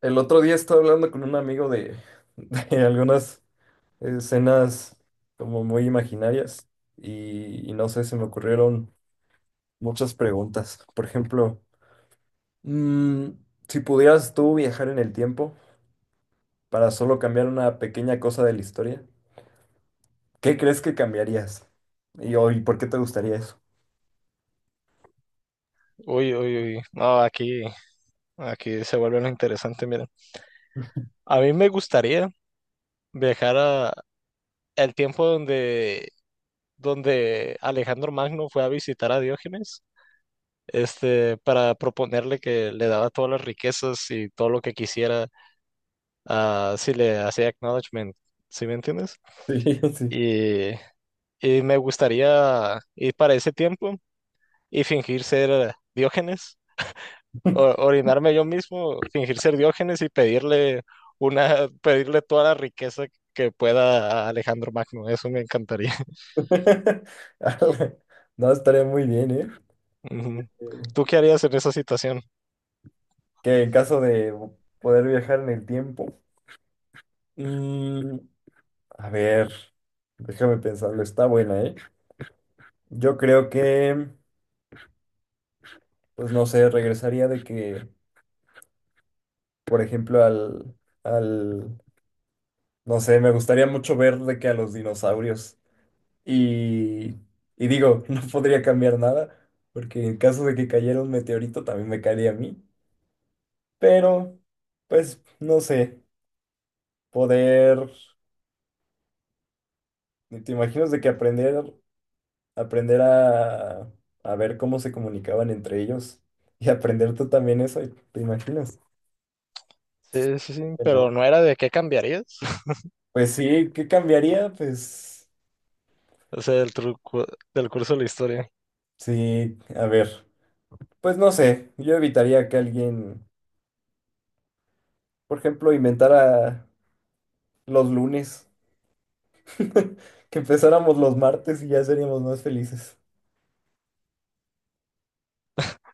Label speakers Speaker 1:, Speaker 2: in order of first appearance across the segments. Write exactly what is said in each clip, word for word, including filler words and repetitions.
Speaker 1: El otro día estaba hablando con un amigo de, de algunas escenas como muy imaginarias y, y no sé, se me ocurrieron muchas preguntas. Por ejemplo, mm, si pudieras tú viajar en el tiempo para solo cambiar una pequeña cosa de la historia, ¿qué crees que cambiarías? Y, o- ¿y por qué te gustaría eso?
Speaker 2: Uy, uy, uy. No, aquí, aquí se vuelve lo interesante, miren. A mí me gustaría viajar a el tiempo donde, donde Alejandro Magno fue a visitar a Diógenes, este, para proponerle que le daba todas las riquezas y todo lo que quisiera, ah, si le hacía acknowledgement, ¿sí me entiendes?
Speaker 1: Sí, sí.
Speaker 2: Y, y me gustaría ir para ese tiempo y fingir ser Diógenes o- orinarme yo mismo, fingir ser Diógenes y pedirle una, pedirle toda la riqueza que pueda a Alejandro Magno. Eso me encantaría.
Speaker 1: Ala, no, estaría muy bien, ¿eh?
Speaker 2: Ujú.
Speaker 1: Eh,
Speaker 2: ¿Tú qué harías en esa situación?
Speaker 1: Que en caso de poder viajar en el tiempo. A ver, déjame pensarlo, está buena, ¿eh? Yo creo que, pues no sé, regresaría de que, por ejemplo, al, al, no sé, me gustaría mucho ver de que a los dinosaurios. Y, y digo, no podría cambiar nada, porque en caso de que cayera un meteorito también me caería a mí. Pero, pues, no sé, poder, ¿te imaginas de que aprender? Aprender a, a ver cómo se comunicaban entre ellos y aprender tú también eso, ¿te imaginas?
Speaker 2: Sí, sí, sí,
Speaker 1: Sí, señor.
Speaker 2: pero no era de qué cambiarías.
Speaker 1: Pues sí, ¿qué cambiaría? Pues
Speaker 2: O sea, del truco, del curso de la historia.
Speaker 1: sí, a ver, pues no sé, yo evitaría que alguien, por ejemplo, inventara los lunes, que empezáramos los martes y ya seríamos más felices.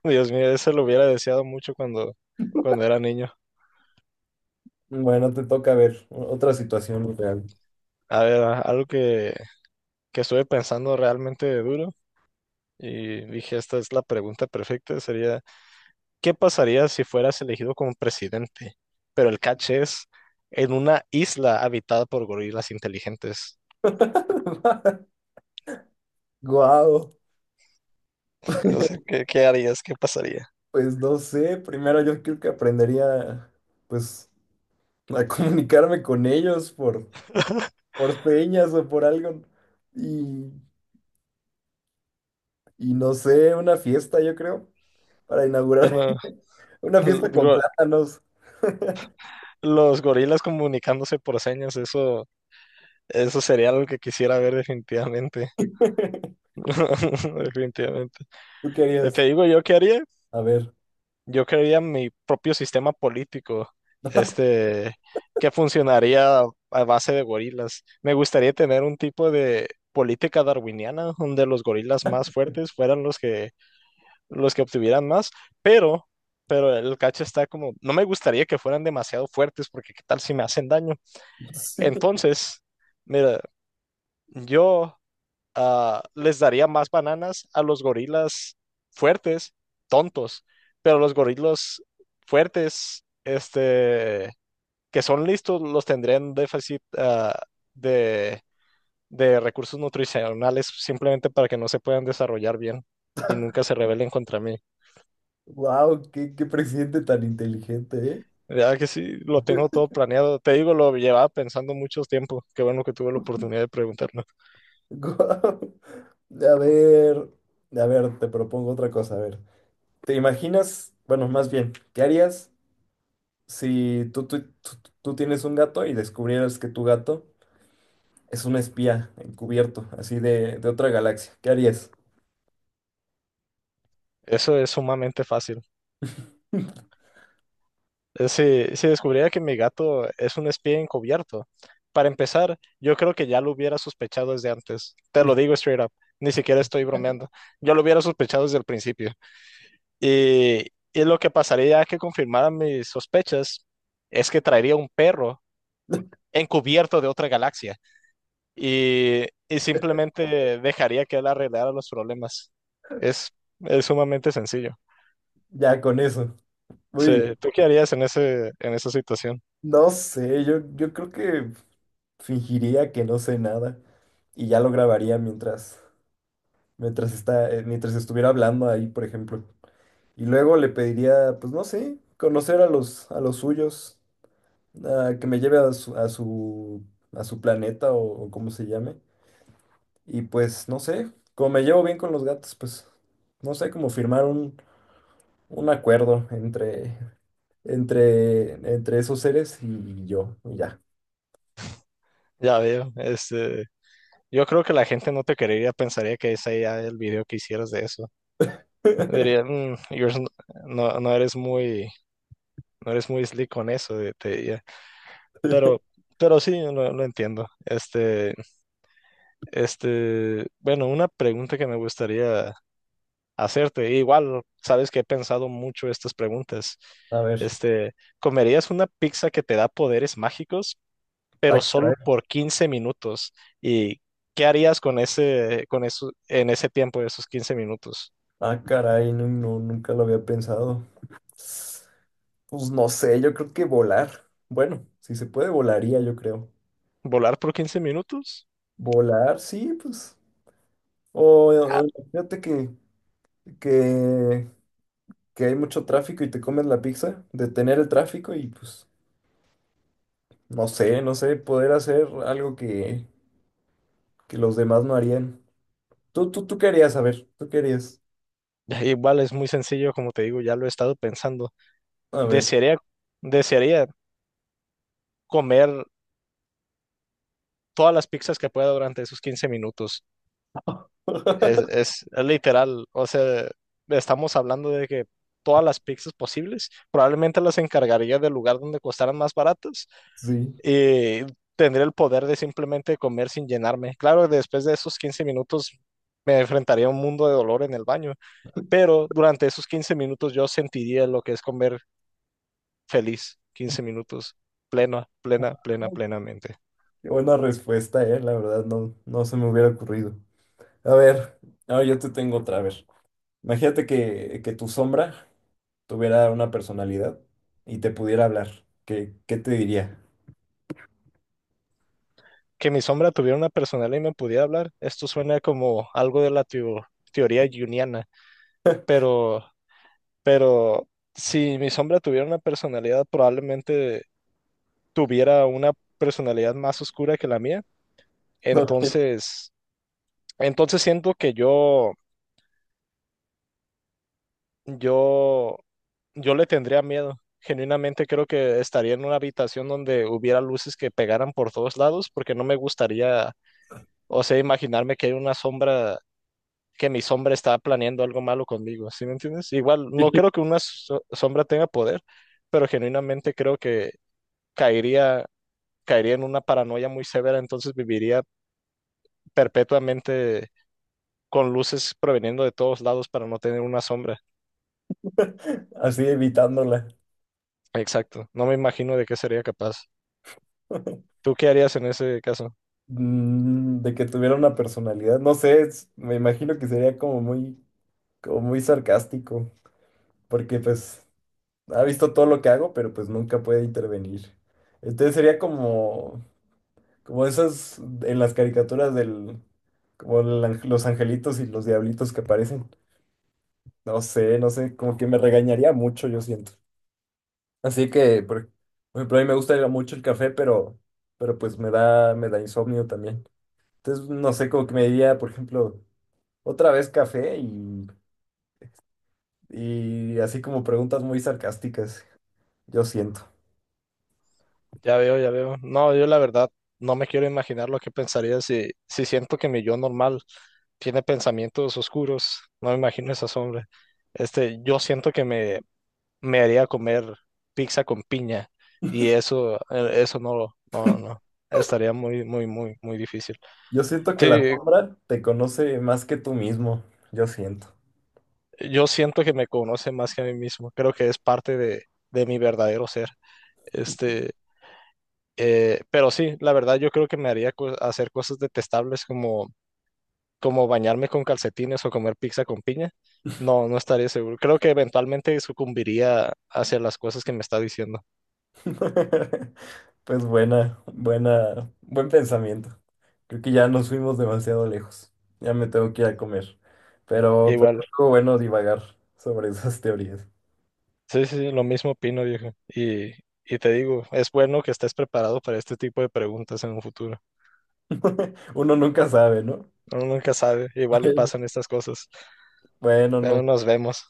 Speaker 2: Dios mío, eso lo hubiera deseado mucho cuando, cuando era niño.
Speaker 1: Bueno, te toca ver otra situación real.
Speaker 2: A ver, a- algo que, que estuve pensando realmente duro y dije, esta es la pregunta perfecta, sería, ¿qué pasaría si fueras elegido como presidente? Pero el catch es en una isla habitada por gorilas inteligentes.
Speaker 1: Guau,
Speaker 2: O sea, ¿qué, qué harías? ¿Qué pasaría?
Speaker 1: pues no sé, primero yo creo que aprendería, pues a comunicarme con ellos por, por señas o por algo. Y, y no sé, una fiesta, yo creo, para inaugurar
Speaker 2: Bueno,
Speaker 1: una
Speaker 2: el
Speaker 1: fiesta con
Speaker 2: go-
Speaker 1: plátanos.
Speaker 2: los gorilas comunicándose por señas, eso, eso sería algo que quisiera ver definitivamente. Definitivamente.
Speaker 1: ¿Tú qué
Speaker 2: Eh, Te
Speaker 1: harías?
Speaker 2: digo yo qué haría.
Speaker 1: A ver.
Speaker 2: Yo crearía mi propio sistema político, este, que funcionaría a base de gorilas. Me gustaría tener un tipo de política darwiniana donde los gorilas más fuertes fueran los que los que obtuvieran más, pero pero el cacho está como, no me gustaría que fueran demasiado fuertes porque qué tal si me hacen daño.
Speaker 1: Sí.
Speaker 2: Entonces, mira, yo ah, les daría más bananas a los gorilas fuertes, tontos, pero los gorilas fuertes, este, que son listos, los tendrían un déficit ah, de, de recursos nutricionales simplemente para que no se puedan desarrollar bien y nunca se rebelen contra mí.
Speaker 1: Wow, qué, qué presidente tan inteligente, ¿eh?
Speaker 2: Ya que sí, lo tengo todo planeado. Te digo, lo llevaba pensando mucho tiempo. Qué bueno que tuve la oportunidad de preguntarlo.
Speaker 1: Guau. A ver, a ver, te propongo otra cosa. A ver, ¿te imaginas? Bueno, más bien, ¿qué harías si tú, tú, tú, tú tienes un gato y descubrieras que tu gato es un espía encubierto, así de, de otra galaxia. ¿Qué harías?
Speaker 2: Eso es sumamente fácil. Eh, Si, si descubriera que mi gato es un espía encubierto, para empezar, yo creo que ya lo hubiera sospechado desde antes. Te lo digo straight up, ni siquiera estoy bromeando. Yo lo hubiera sospechado desde el principio. Y, y lo que pasaría que confirmara mis sospechas es que traería un perro encubierto de otra galaxia y, y simplemente dejaría que él arreglara los problemas. Es, es sumamente sencillo.
Speaker 1: Ya con eso. Muy
Speaker 2: Sí,
Speaker 1: bien.
Speaker 2: ¿tú qué harías en ese, en esa situación?
Speaker 1: No sé, yo, yo creo que fingiría que no sé nada y ya lo grabaría mientras, mientras está, eh, mientras estuviera hablando ahí, por ejemplo. Y luego le pediría, pues no sé, conocer a los, a los suyos, a que me lleve a su, a su, a su planeta o, o como se llame. Y pues no sé, como me llevo bien con los gatos, pues no sé, como firmar un un acuerdo entre, entre, entre esos seres y, y yo, y ya.
Speaker 2: Ya veo. Este, yo creo que la gente no te creería, pensaría que ese era el video que hicieras de eso. Diría: "Mm, you're s- no, no eres muy, no eres muy slick con eso". Pero, pero sí, lo, lo entiendo. Este, este, bueno, una pregunta que me gustaría hacerte, igual, sabes que he pensado mucho estas preguntas.
Speaker 1: A ver,
Speaker 2: Este, ¿comerías una pizza que te da poderes mágicos,
Speaker 1: ah,
Speaker 2: pero solo
Speaker 1: caray,
Speaker 2: por quince minutos? ¿Y qué harías con ese, con eso, en ese tiempo de esos quince minutos?
Speaker 1: ah, caray, no, no, nunca lo había pensado. Pues no sé, yo creo que volar. Bueno, si se puede, volaría, yo creo.
Speaker 2: ¿Volar por quince minutos?
Speaker 1: Volar, sí, pues. O,
Speaker 2: Ah,
Speaker 1: o imagínate que, que, que hay mucho tráfico y te comes la pizza, detener el tráfico y pues, no sé, no sé, poder hacer algo que, que los demás no harían. ¿Tú, tú, tú qué harías? A ver, ¿tú qué harías?
Speaker 2: igual es muy sencillo, como te digo, ya lo he estado pensando.
Speaker 1: A ver.
Speaker 2: Desearía, desearía comer. todas las pizzas que pueda durante esos quince minutos. Es, es, es literal, o sea, estamos hablando de que todas las pizzas posibles, probablemente las encargaría del lugar donde costaran más baratas
Speaker 1: Sí,
Speaker 2: y tendría el poder de simplemente comer sin llenarme. Claro, después de esos quince minutos me enfrentaría a un mundo de dolor en el baño, pero durante esos quince minutos yo sentiría lo que es comer feliz, quince minutos, plena, plena, plena, plenamente.
Speaker 1: qué buena respuesta, eh. La verdad, no, no se me hubiera ocurrido. A ver, ahora yo te tengo otra vez. Imagínate que, que tu sombra tuviera una personalidad y te pudiera hablar. ¿Qué, qué te diría?
Speaker 2: que mi sombra tuviera una personalidad y me pudiera hablar. Esto suena como algo de la teo- teoría junguiana, pero, pero si mi sombra tuviera una personalidad, probablemente tuviera una personalidad más oscura que la mía.
Speaker 1: Ok.
Speaker 2: Entonces, entonces siento que yo, yo, yo le tendría miedo. Genuinamente creo que estaría en una habitación donde hubiera luces que pegaran por todos lados, porque no me gustaría, o sea, imaginarme que hay una sombra que mi sombra está planeando algo malo conmigo, ¿sí me entiendes? Igual, no creo que una so- sombra tenga poder, pero genuinamente creo que caería, caería en una paranoia muy severa, entonces viviría perpetuamente con luces proveniendo de todos lados para no tener una sombra.
Speaker 1: Así evitándola.
Speaker 2: Exacto, no me imagino de qué sería capaz. ¿Tú qué harías en ese caso?
Speaker 1: Mm, De que tuviera una personalidad. No sé, es- me imagino que sería como muy, como muy sarcástico. Porque pues ha visto todo lo que hago, pero pues nunca puede intervenir. Entonces sería como. Como esas en las caricaturas del, como el ang- los angelitos y los diablitos que aparecen. No sé, no sé, como que me regañaría mucho, yo siento. Así que, por, por ejemplo, a mí me gusta mucho el café, pero, pero pues me da, me da insomnio también. Entonces, no sé, como que me diría, por ejemplo, otra vez café y, y así como preguntas muy sarcásticas, yo siento.
Speaker 2: Ya veo, ya veo. No, yo la verdad no me quiero imaginar lo que pensaría si, si siento que mi yo normal tiene pensamientos oscuros, no me imagino esa sombra. Este, yo siento que me, me haría comer pizza con piña y eso, eh, eso no, no, no, estaría muy, muy, muy, muy difícil.
Speaker 1: Yo siento que la
Speaker 2: Sí,
Speaker 1: sombra te conoce más que tú mismo, yo siento.
Speaker 2: yo siento que me conoce más que a mí mismo, creo que es parte de, de mi verdadero ser. Este, eh, pero sí, la verdad yo creo que me haría co- hacer cosas detestables como como bañarme con calcetines o comer pizza con piña, no, no estaría seguro. Creo que eventualmente sucumbiría hacia las cosas que me está diciendo.
Speaker 1: Pues buena, buena, buen pensamiento. Creo que ya nos fuimos demasiado lejos. Ya me tengo que ir a comer. Pero,
Speaker 2: Igual,
Speaker 1: pero estuvo bueno divagar sobre esas teorías.
Speaker 2: sí, sí, sí, lo mismo opino, viejo. Y, y te digo, es bueno que estés preparado para este tipo de preguntas en un futuro.
Speaker 1: Uno nunca sabe, ¿no?
Speaker 2: Uno nunca sabe, igual y pasan estas cosas.
Speaker 1: Bueno,
Speaker 2: Bueno,
Speaker 1: nos
Speaker 2: nos vemos.